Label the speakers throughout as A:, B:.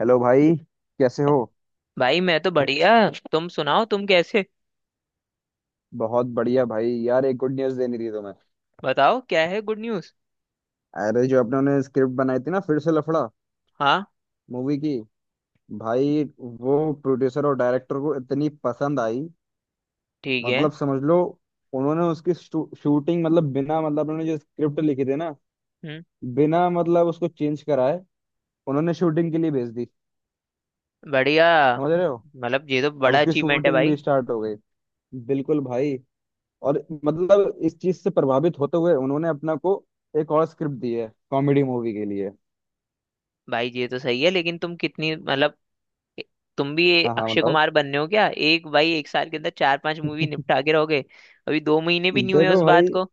A: Hello भाई। कैसे हो?
B: भाई मैं तो बढ़िया। तुम सुनाओ, तुम कैसे?
A: बहुत बढ़िया भाई, यार एक गुड न्यूज़ देनी थी तुम्हें।
B: बताओ क्या है गुड न्यूज़?
A: अरे, जो अपने ने स्क्रिप्ट बनाई थी ना फिर से लफड़ा
B: हाँ।
A: मूवी की। भाई वो प्रोड्यूसर और डायरेक्टर को इतनी पसंद आई।
B: ठीक है।
A: मतलब समझ लो। उन्होंने उसकी शूटिंग, मतलब बिना मतलब उन्होंने जो स्क्रिप्ट लिखी थी ना,
B: हम्म।
A: बिना मतलब उसको चेंज कराए उन्होंने शूटिंग के लिए भेज दी।
B: बढ़िया।
A: समझ रहे हो?
B: मतलब ये तो
A: अब
B: बड़ा
A: उसकी
B: अचीवमेंट है
A: शूटिंग भी
B: भाई।
A: स्टार्ट हो गई। बिल्कुल भाई। और मतलब इस चीज से प्रभावित होते हुए उन्होंने अपना को एक और स्क्रिप्ट दी है कॉमेडी मूवी के लिए।
B: भाई ये तो सही है, लेकिन तुम कितनी मतलब तुम भी ये
A: हाँ हाँ,
B: अक्षय
A: बताओ।
B: कुमार बनने हो क्या? एक भाई, 1 साल के अंदर चार पांच मूवी निपटा के रहोगे? अभी 2 महीने भी नहीं हुए
A: देखो
B: उस बात
A: भाई,
B: को।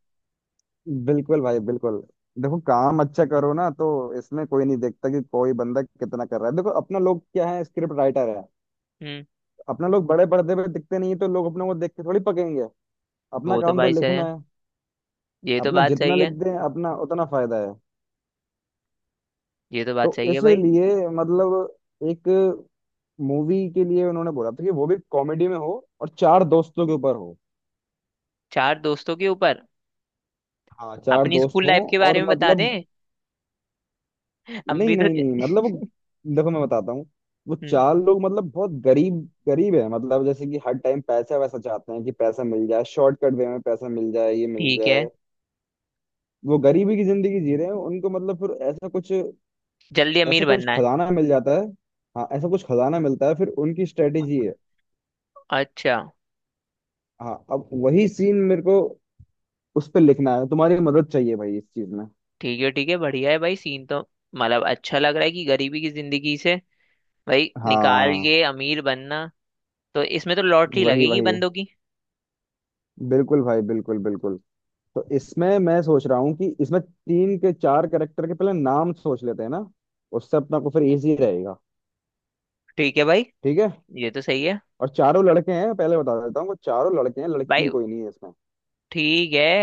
A: बिल्कुल भाई बिल्कुल। देखो काम अच्छा करो ना तो इसमें कोई नहीं देखता कि कोई बंदा कितना कर रहा है। देखो अपना लोग क्या है, स्क्रिप्ट राइटर है।
B: हम्म।
A: अपना लोग बड़े पर्दे पे दिखते नहीं है तो लोग अपने को देख के थोड़ी पकेंगे। अपना
B: वो तो
A: काम तो
B: भाई सही
A: लिखना
B: है।
A: है।
B: ये तो
A: अपना
B: बात
A: जितना
B: सही
A: लिख
B: है।
A: दें अपना उतना फायदा है।
B: ये तो बात
A: तो
B: सही है भाई।
A: इसलिए मतलब एक मूवी के लिए उन्होंने बोला था कि वो भी कॉमेडी में हो और चार दोस्तों के ऊपर हो।
B: चार दोस्तों के ऊपर।
A: हाँ चार
B: अपनी
A: दोस्त
B: स्कूल
A: हों
B: लाइफ के बारे
A: और
B: में बता
A: मतलब,
B: दें? हम
A: नहीं
B: भी तो
A: नहीं नहीं, मतलब वो देखो मैं बताता हूँ। वो
B: हम्म,
A: चार लोग मतलब बहुत गरीब। गरीब है, मतलब जैसे कि हर टाइम पैसा वैसा चाहते हैं कि पैसा मिल जाए, शॉर्टकट वे में पैसा मिल जाए, ये मिल
B: ठीक है।
A: जाए। वो गरीबी की जिंदगी जी रहे हैं, उनको मतलब फिर ऐसा कुछ,
B: जल्दी
A: ऐसा
B: अमीर
A: कुछ
B: बनना है।
A: खजाना मिल जाता है। हाँ, ऐसा कुछ खजाना मिलता है फिर उनकी स्ट्रेटेजी है।
B: अच्छा।
A: हाँ, अब वही सीन मेरे को उस पर लिखना है, तुम्हारी मदद चाहिए भाई इस चीज में।
B: ठीक है ठीक है, बढ़िया है भाई। सीन तो मतलब अच्छा लग रहा है कि गरीबी की जिंदगी से भाई निकाल
A: हाँ
B: के अमीर बनना, तो इसमें तो लॉटरी
A: वही
B: लगेगी
A: वही,
B: बंदों की।
A: बिल्कुल भाई बिल्कुल बिल्कुल। तो इसमें मैं सोच रहा हूँ कि इसमें तीन के चार करेक्टर के पहले नाम सोच लेते हैं ना, उससे अपना को फिर इजी रहेगा।
B: ठीक है भाई।
A: ठीक है।
B: ये तो सही है
A: और चारों लड़के हैं, पहले बता देता हूँ, वो चारों लड़के हैं,
B: भाई।
A: लड़की कोई नहीं है इसमें।
B: ठीक है।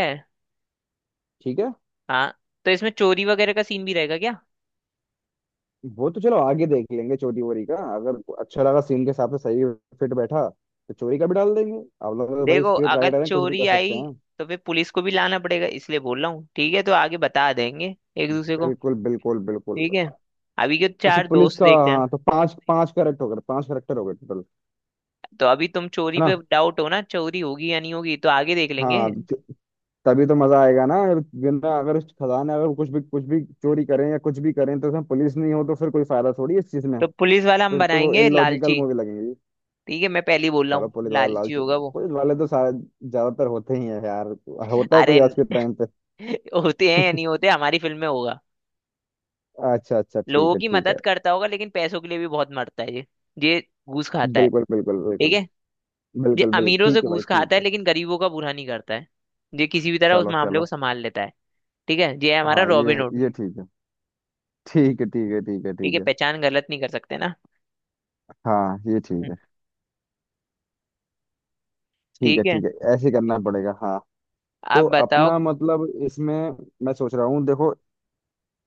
A: ठीक है।
B: हाँ, तो इसमें चोरी वगैरह का सीन भी रहेगा क्या?
A: वो तो चलो आगे देख लेंगे, चोरी वोरी का अगर अच्छा लगा सीन के हिसाब से सही फिट बैठा तो चोरी का भी डाल देंगे। आप लोग तो भाई
B: देखो,
A: स्क्रिप्ट
B: अगर
A: राइटर हैं, कुछ भी
B: चोरी
A: कर सकते
B: आई
A: हैं।
B: तो फिर पुलिस को भी लाना पड़ेगा, इसलिए बोल रहा हूँ। ठीक है, तो आगे बता देंगे एक दूसरे को।
A: बिल्कुल बिल्कुल बिल्कुल।
B: ठीक है। अभी के
A: अच्छा
B: चार
A: पुलिस
B: दोस्त
A: का,
B: देखते हैं।
A: हाँ तो पांच पांच करेक्ट हो गए, पांच करेक्टर हो गए टोटल,
B: तो अभी तुम चोरी
A: है ना?
B: पे डाउट हो ना, चोरी होगी या नहीं होगी, तो आगे देख लेंगे।
A: हाँ तो तभी तो मजा आएगा ना, अगर- वरना अगर उस खदान में अगर कुछ भी कुछ भी चोरी करें या कुछ भी करें तो उसमें पुलिस नहीं हो तो फिर कोई फायदा थोड़ी है इस चीज में।
B: तो पुलिस वाला हम
A: फिर तो वो
B: बनाएंगे
A: इलॉजिकल
B: लालची।
A: मूवी लगेगी।
B: ठीक है, मैं पहले ही बोल रहा
A: चलो
B: हूँ
A: पुलिस वाला
B: लालची
A: लालच,
B: होगा वो।
A: पुलिस वाले तो शायद ज्यादातर होते ही है यार। होता है कोई
B: अरे
A: आज के टाइम पे?
B: होते हैं या नहीं होते, हमारी फिल्म में होगा।
A: अच्छा अच्छा, ठीक
B: लोगों
A: है
B: की
A: ठीक है।
B: मदद करता होगा, लेकिन पैसों के लिए भी बहुत मरता है ये। ये घूस खाता है।
A: बिल्कुल बिल्कुल
B: ठीक
A: बिल्कुल
B: है। ये
A: बिल्कुल बिल्कुल।
B: अमीरों से
A: ठीक है भाई
B: घूस खाता
A: ठीक
B: है,
A: है।
B: लेकिन गरीबों का बुरा नहीं करता है। ये किसी भी तरह उस
A: चलो
B: मामले को
A: चलो।
B: संभाल लेता है। ठीक है, ये है हमारा
A: हाँ ये
B: रॉबिन हुड।
A: ये ठीक है। ठीक है ठीक है ठीक है
B: ठीक है,
A: ठीक है।
B: पहचान गलत नहीं कर सकते ना।
A: हाँ ये ठीक
B: हम्म,
A: है। ठीक है
B: ठीक है।
A: ठीक है, ऐसे ही करना पड़ेगा हाँ।
B: आप
A: तो
B: बताओ।
A: अपना मतलब इसमें मैं सोच रहा हूँ, देखो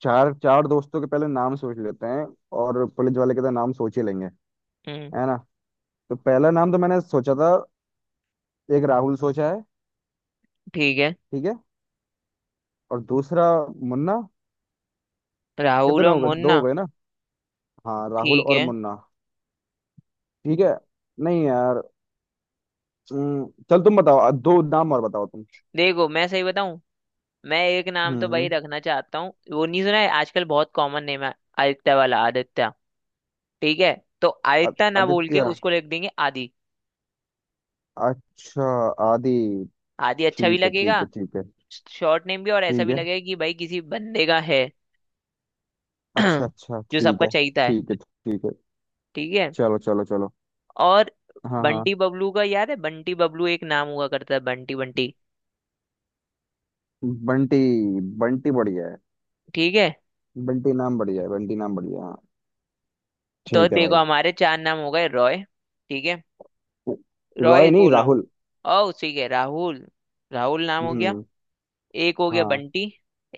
A: चार चार दोस्तों के पहले नाम सोच लेते हैं और पुलिस वाले के तो नाम सोच ही लेंगे,
B: हम्म,
A: है ना? तो पहला नाम तो मैंने सोचा था, एक राहुल सोचा है।
B: ठीक है।
A: ठीक है। और दूसरा मुन्ना।
B: राहुल
A: कितने
B: और
A: हो गए, दो हो
B: मुन्ना।
A: गए ना? हाँ राहुल
B: ठीक
A: और
B: है।
A: मुन्ना। ठीक है। नहीं यार। चल तुम बताओ, दो नाम और बताओ तुम।
B: देखो, मैं सही बताऊं, मैं एक नाम तो भाई
A: हम्म
B: रखना चाहता हूँ, वो नहीं सुना है, आजकल बहुत कॉमन नेम है। आदित्य वाला आदित्य। ठीक है। तो आदित्य ना बोल के
A: आदित्य।
B: उसको लिख देंगे आदि।
A: अच्छा आदि।
B: आदि अच्छा भी
A: ठीक है
B: लगेगा,
A: ठीक है ठीक है
B: शॉर्ट नेम भी, और ऐसा
A: ठीक
B: भी
A: है।
B: लगेगा कि भाई किसी बंदे का है।
A: अच्छा अच्छा
B: जो
A: ठीक
B: सबका
A: है।
B: चाहता है।
A: ठीक है ठीक है।
B: ठीक है।
A: चलो चलो चलो।
B: और
A: हाँ हाँ।
B: बंटी बबलू का याद है? बंटी बबलू, एक नाम हुआ करता है, बंटी। बंटी
A: बंटी, बंटी बढ़िया है।
B: ठीक है।
A: बंटी नाम बढ़िया है, बंटी नाम बढ़िया है, हाँ।
B: तो
A: ठीक है
B: देखो
A: भाई।
B: हमारे चार नाम हो गए। रॉय। ठीक है। रॉय
A: रॉय नहीं,
B: बोला हूँ।
A: राहुल।
B: और उसी के राहुल, राहुल नाम हो गया।
A: हम्म।
B: एक हो गया
A: हाँ।
B: बंटी,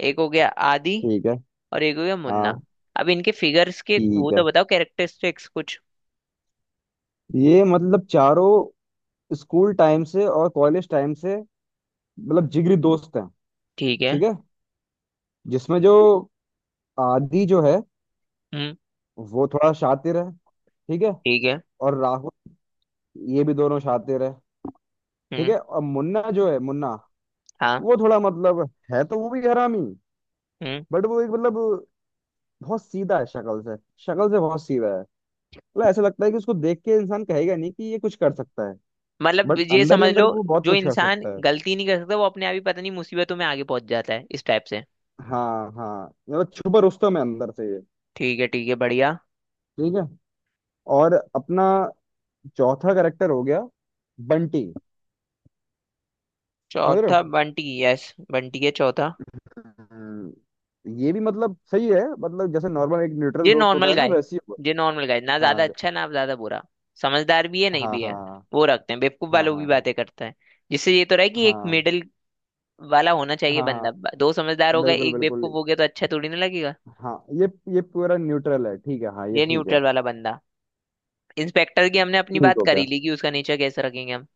B: एक हो गया आदि,
A: ठीक है।
B: और एक हो गया मुन्ना।
A: हाँ।
B: अब इनके फिगर्स के
A: ठीक
B: वो तो
A: है।
B: बताओ, कैरेक्टरिस्टिक्स कुछ।
A: ये मतलब चारों स्कूल टाइम से और कॉलेज टाइम से मतलब जिगरी दोस्त हैं।
B: ठीक है।
A: ठीक है। जिसमें जो आदि जो है,
B: हम्म।
A: वो थोड़ा शातिर है। ठीक है।
B: ठीक है।
A: और राहुल, ये भी दोनों शातिर है। ठीक
B: हम्म।
A: है। और मुन्ना जो है, मुन्ना
B: हाँ।
A: वो थोड़ा मतलब है तो वो भी हरामी,
B: हम्म।
A: बट वो एक मतलब बहुत सीधा है शक्ल से। शक्ल से बहुत सीधा है। मतलब ऐसा लगता है कि उसको देख के इंसान कहेगा नहीं कि ये कुछ कर सकता है।
B: मतलब
A: बट
B: ये
A: अंदर ही
B: समझ लो,
A: अंदर वो बहुत
B: जो
A: कुछ कर
B: इंसान
A: सकता है।
B: गलती नहीं कर सकता वो अपने आप ही पता नहीं मुसीबतों में आगे पहुंच जाता है, इस टाइप से।
A: हाँ हाँ, मतलब छुपा रुस्तम है अंदर से ये।
B: ठीक है ठीक है, बढ़िया।
A: ठीक है। और अपना चौथा करेक्टर हो गया, बंटी। समझ रहे
B: चौथा
A: हो?
B: बंटी, यस। बंटी है चौथा।
A: हम्म, ये भी मतलब सही है, मतलब जैसे नॉर्मल एक न्यूट्रल
B: ये
A: दोस्त होता
B: नॉर्मल
A: है ना
B: गाय।
A: वैसे ही।
B: ये नॉर्मल गाय, ना ज्यादा
A: हाँ
B: अच्छा ना ज्यादा बुरा। समझदार भी है, नहीं
A: हाँ
B: भी है।
A: हाँ।
B: वो रखते हैं, बेवकूफ
A: हाँ हाँ
B: वालों भी
A: हाँ।
B: बातें करता है। जिससे ये तो रहे कि
A: हाँ
B: एक
A: हाँ
B: मिडिल वाला होना चाहिए
A: हाँ, हाँ,
B: बंदा। दो समझदार हो गए,
A: बिल्कुल
B: एक
A: बिल्कुल।
B: बेवकूफ हो गया तो अच्छा थोड़ी ना लगेगा।
A: हाँ ये पूरा न्यूट्रल है। ठीक है। हाँ ये
B: ये
A: ठीक है।
B: न्यूट्रल वाला बंदा। इंस्पेक्टर की हमने अपनी
A: ठीक
B: बात
A: हो गया।
B: करी ली कि उसका नेचर कैसे रखेंगे हम।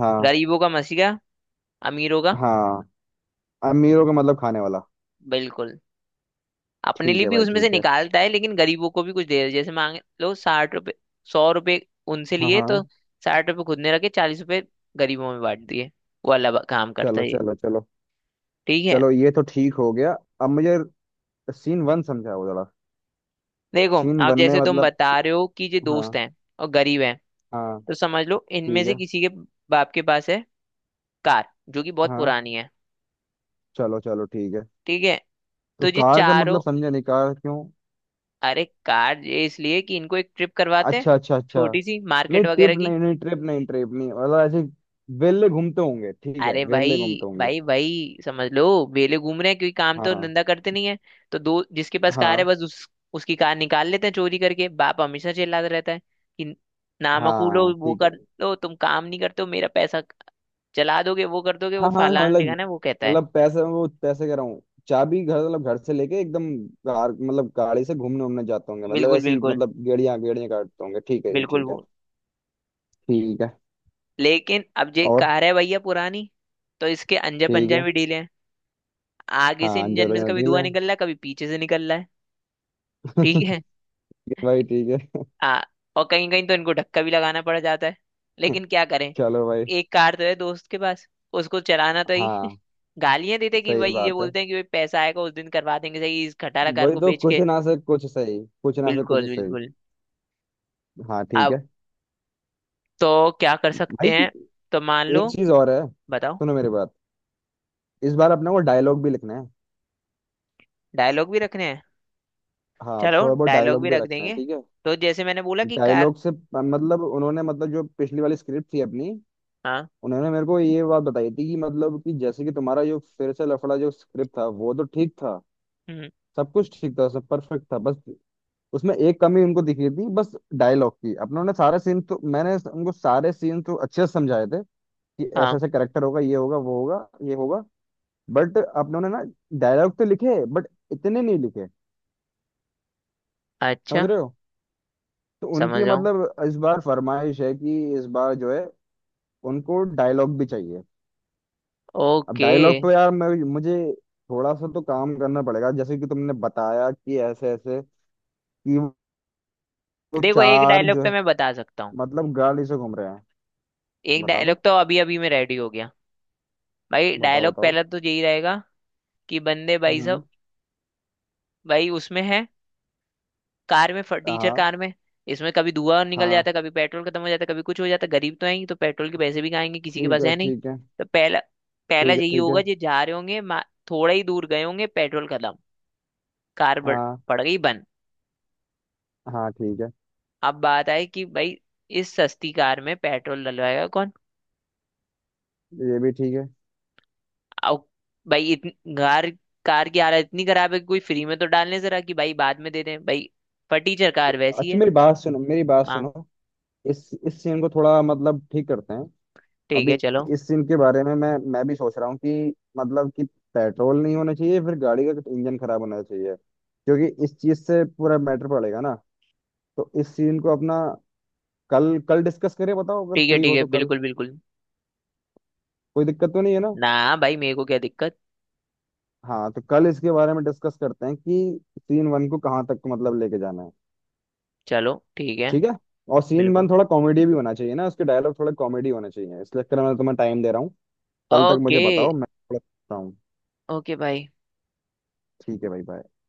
A: हाँ।
B: गरीबों का मसीहा, अमीरों का।
A: हाँ, अमीरों का मतलब खाने वाला।
B: बिल्कुल। अपने
A: ठीक
B: लिए
A: है
B: भी
A: भाई
B: उसमें से
A: ठीक है।
B: निकालता है, लेकिन गरीबों को भी कुछ दे रहा है। जैसे मांग लो 60 रुपए, 100 रुपए उनसे
A: हाँ
B: लिए तो
A: हाँ।
B: 60 रुपए खुद ने रखे, 40 रुपए गरीबों में बांट दिए। वो अलग काम करता
A: चलो
B: है ये।
A: चलो चलो।
B: ठीक है।
A: चलो ये तो ठीक हो गया। अब मुझे सीन वन समझाओ जरा।
B: देखो,
A: सीन
B: आप
A: वन में
B: जैसे तुम
A: मतलब,
B: बता रहे हो कि ये दोस्त
A: हाँ
B: हैं और गरीब हैं,
A: हाँ।
B: तो समझ लो इनमें
A: ठीक है।
B: से किसी के बाप के पास है कार जो कि बहुत
A: हाँ।
B: पुरानी है।
A: चलो चलो ठीक है।
B: ठीक है।
A: तो
B: तो ये
A: कार का मतलब
B: चारों,
A: समझा नहीं, कार क्यों?
B: अरे कार ये इसलिए कि इनको एक ट्रिप करवाते हैं,
A: अच्छा अच्छा अच्छा।
B: छोटी सी
A: नहीं
B: मार्केट वगैरह
A: ट्रिप
B: की।
A: नहीं, नहीं ट्रिप नहीं, ट्रिप नहीं, मतलब ऐसे वेले घूमते होंगे, ठीक है,
B: अरे भाई,
A: वेले घूमते होंगे।
B: भाई भाई, समझ लो वेले घूम रहे हैं, क्योंकि काम तो
A: हाँ
B: धंधा करते नहीं है। तो दो जिसके पास कार है
A: हाँ
B: बस उस उसकी कार निकाल लेते हैं चोरी करके। बाप हमेशा चिल्लाता रहता है कि नामकूल हो,
A: हाँ।
B: वो
A: ठीक है।
B: कर दो, तुम काम नहीं करते हो, मेरा पैसा जला दोगे, वो कर दोगे, वो
A: हाँ हाँ,
B: फलाना
A: मतलब
B: ठिकाना है, वो कहता है।
A: मतलब पैसे, वो पैसे कह रहा हूँ। चाबी घर मतलब घर से लेके एकदम कार मतलब गाड़ी से घूमने उमने जाते होंगे, मतलब
B: बिल्कुल
A: ऐसी
B: बिल्कुल
A: मतलब गेड़िया गेड़िया काटते होंगे, ठीक है जी
B: बिल्कुल
A: ठीक है।
B: वो।
A: ठीक है,
B: लेकिन अब ये
A: और।
B: कार है भैया पुरानी, तो इसके अंजा
A: ठीक
B: पंजा
A: है।
B: भी ढीले हैं। आगे से
A: हाँ
B: इंजन
A: जरूर
B: में से
A: जरूर
B: कभी
A: निकले।
B: धुआं निकल रहा है, कभी पीछे से निकल रहा है। ठीक है।
A: ये भाई ठीक है।
B: आ, और कहीं कहीं तो इनको धक्का भी लगाना पड़ जाता है, लेकिन क्या करें?
A: चलो भाई।
B: एक कार तो है दोस्त के पास, उसको चलाना तो ही
A: हाँ।
B: गालियां देते कि
A: सही
B: भाई, ये
A: बात है,
B: बोलते हैं कि भाई पैसा आएगा उस दिन करवा देंगे सही इस खटारा कार
A: वही
B: को
A: तो,
B: बेच
A: कुछ
B: के।
A: ना से कुछ सही, कुछ ना से कुछ
B: बिल्कुल
A: सही।
B: बिल्कुल।
A: हाँ ठीक
B: अब
A: है
B: तो क्या कर सकते
A: भाई।
B: हैं? तो मान लो।
A: एक चीज और है,
B: बताओ।
A: सुनो मेरी बात। इस बार अपने को डायलॉग भी लिखना है।
B: डायलॉग भी रखने हैं।
A: हाँ
B: चलो
A: थोड़ा बहुत
B: डायलॉग
A: डायलॉग
B: भी
A: भी
B: रख
A: रखना है,
B: देंगे।
A: ठीक है।
B: तो जैसे मैंने बोला कि कार।
A: डायलॉग से मतलब उन्होंने, मतलब जो पिछली वाली स्क्रिप्ट थी अपनी,
B: हाँ।
A: उन्होंने मेरे को ये बात बताई थी कि मतलब कि जैसे कि तुम्हारा जो फिर से लफड़ा जो स्क्रिप्ट था वो तो ठीक था,
B: हम्म,
A: सब कुछ ठीक था, सब परफेक्ट था, बस उसमें एक कमी उनको दिखी थी, बस डायलॉग की। अपने उन्होंने सारे सीन तो, मैंने उनको सारे सीन तो अच्छे से समझाए थे कि ऐसे
B: हाँ।
A: ऐसे करेक्टर होगा, ये होगा, वो होगा, ये होगा, बट अपनों ने ना डायलॉग तो लिखे बट इतने नहीं लिखे। समझ
B: अच्छा।
A: रहे हो? तो
B: समझ
A: उनकी
B: रहा हूँ।
A: मतलब इस बार फरमाइश है कि इस बार जो है, उनको डायलॉग भी चाहिए। अब
B: ओके।
A: डायलॉग पे यार, मैं मुझे थोड़ा सा तो काम करना पड़ेगा, जैसे कि तुमने बताया कि ऐसे ऐसे, कि वो
B: देखो, एक
A: चार
B: डायलॉग
A: जो
B: तो
A: है
B: मैं बता सकता हूँ।
A: मतलब गाड़ी से घूम रहे हैं।
B: एक
A: बता
B: डायलॉग
A: दो।
B: तो अभी अभी में रेडी हो गया। भाई
A: बताओ
B: डायलॉग
A: बताओ।
B: पहला तो यही रहेगा कि बंदे भाई
A: हम्म।
B: सब, भाई उसमें है कार में, फटीचर
A: हाँ
B: कार में, इसमें कभी धुआं निकल जाता
A: हाँ।
B: है, कभी पेट्रोल खत्म हो जाता है, कभी कुछ हो जाता है, गरीब तो हैं ही तो पेट्रोल के पैसे भी खाएंगे, किसी के
A: ठीक
B: पास
A: है
B: है नहीं।
A: ठीक है।
B: तो पहला पहला
A: ठीक है
B: यही
A: ठीक है।
B: होगा, जो जा रहे होंगे, थोड़ा ही दूर गए होंगे पेट्रोल खत्म, कार
A: हाँ
B: पड़ गई बंद।
A: हाँ, ठीक है।
B: अब बात आई कि भाई इस सस्ती कार में पेट्रोल डलवाएगा कौन?
A: ये भी ठीक है।
B: अब भाई इतनी कार कार की हालत इतनी खराब है कि कोई फ्री में तो डालने जरा कि भाई बाद में दे दें भाई, फटीचर कार वैसी
A: अच्छा
B: है।
A: मेरी बात सुनो, मेरी बात
B: हाँ
A: सुनो। इस सीन को थोड़ा मतलब ठीक करते हैं
B: ठीक
A: अभी।
B: है। चलो
A: इस सीन के बारे में मैं भी सोच रहा हूँ कि मतलब कि पेट्रोल नहीं होना चाहिए, फिर गाड़ी का इंजन खराब होना चाहिए क्योंकि इस चीज से पूरा मैटर पड़ेगा ना। तो इस सीन को अपना कल कल डिस्कस करें, बताओ अगर
B: ठीक है
A: फ्री
B: ठीक
A: हो
B: है।
A: तो कल।
B: बिल्कुल बिल्कुल।
A: कोई दिक्कत तो नहीं है ना?
B: ना भाई, मेरे को क्या दिक्कत।
A: हाँ तो कल इसके बारे में डिस्कस करते हैं कि सीन वन को कहाँ तक मतलब लेके जाना है।
B: चलो ठीक है।
A: ठीक है। और सीन वन
B: बिल्कुल।
A: थोड़ा कॉमेडी भी होना चाहिए ना, उसके डायलॉग थोड़ा कॉमेडी होना चाहिए, इसलिए मैं तुम्हें टाइम दे रहा हूँ। कल तक
B: ओके।
A: मुझे बताओ, मैं थोड़ा सोचता हूँ।
B: ओके भाई।
A: ठीक है भाई, बाय।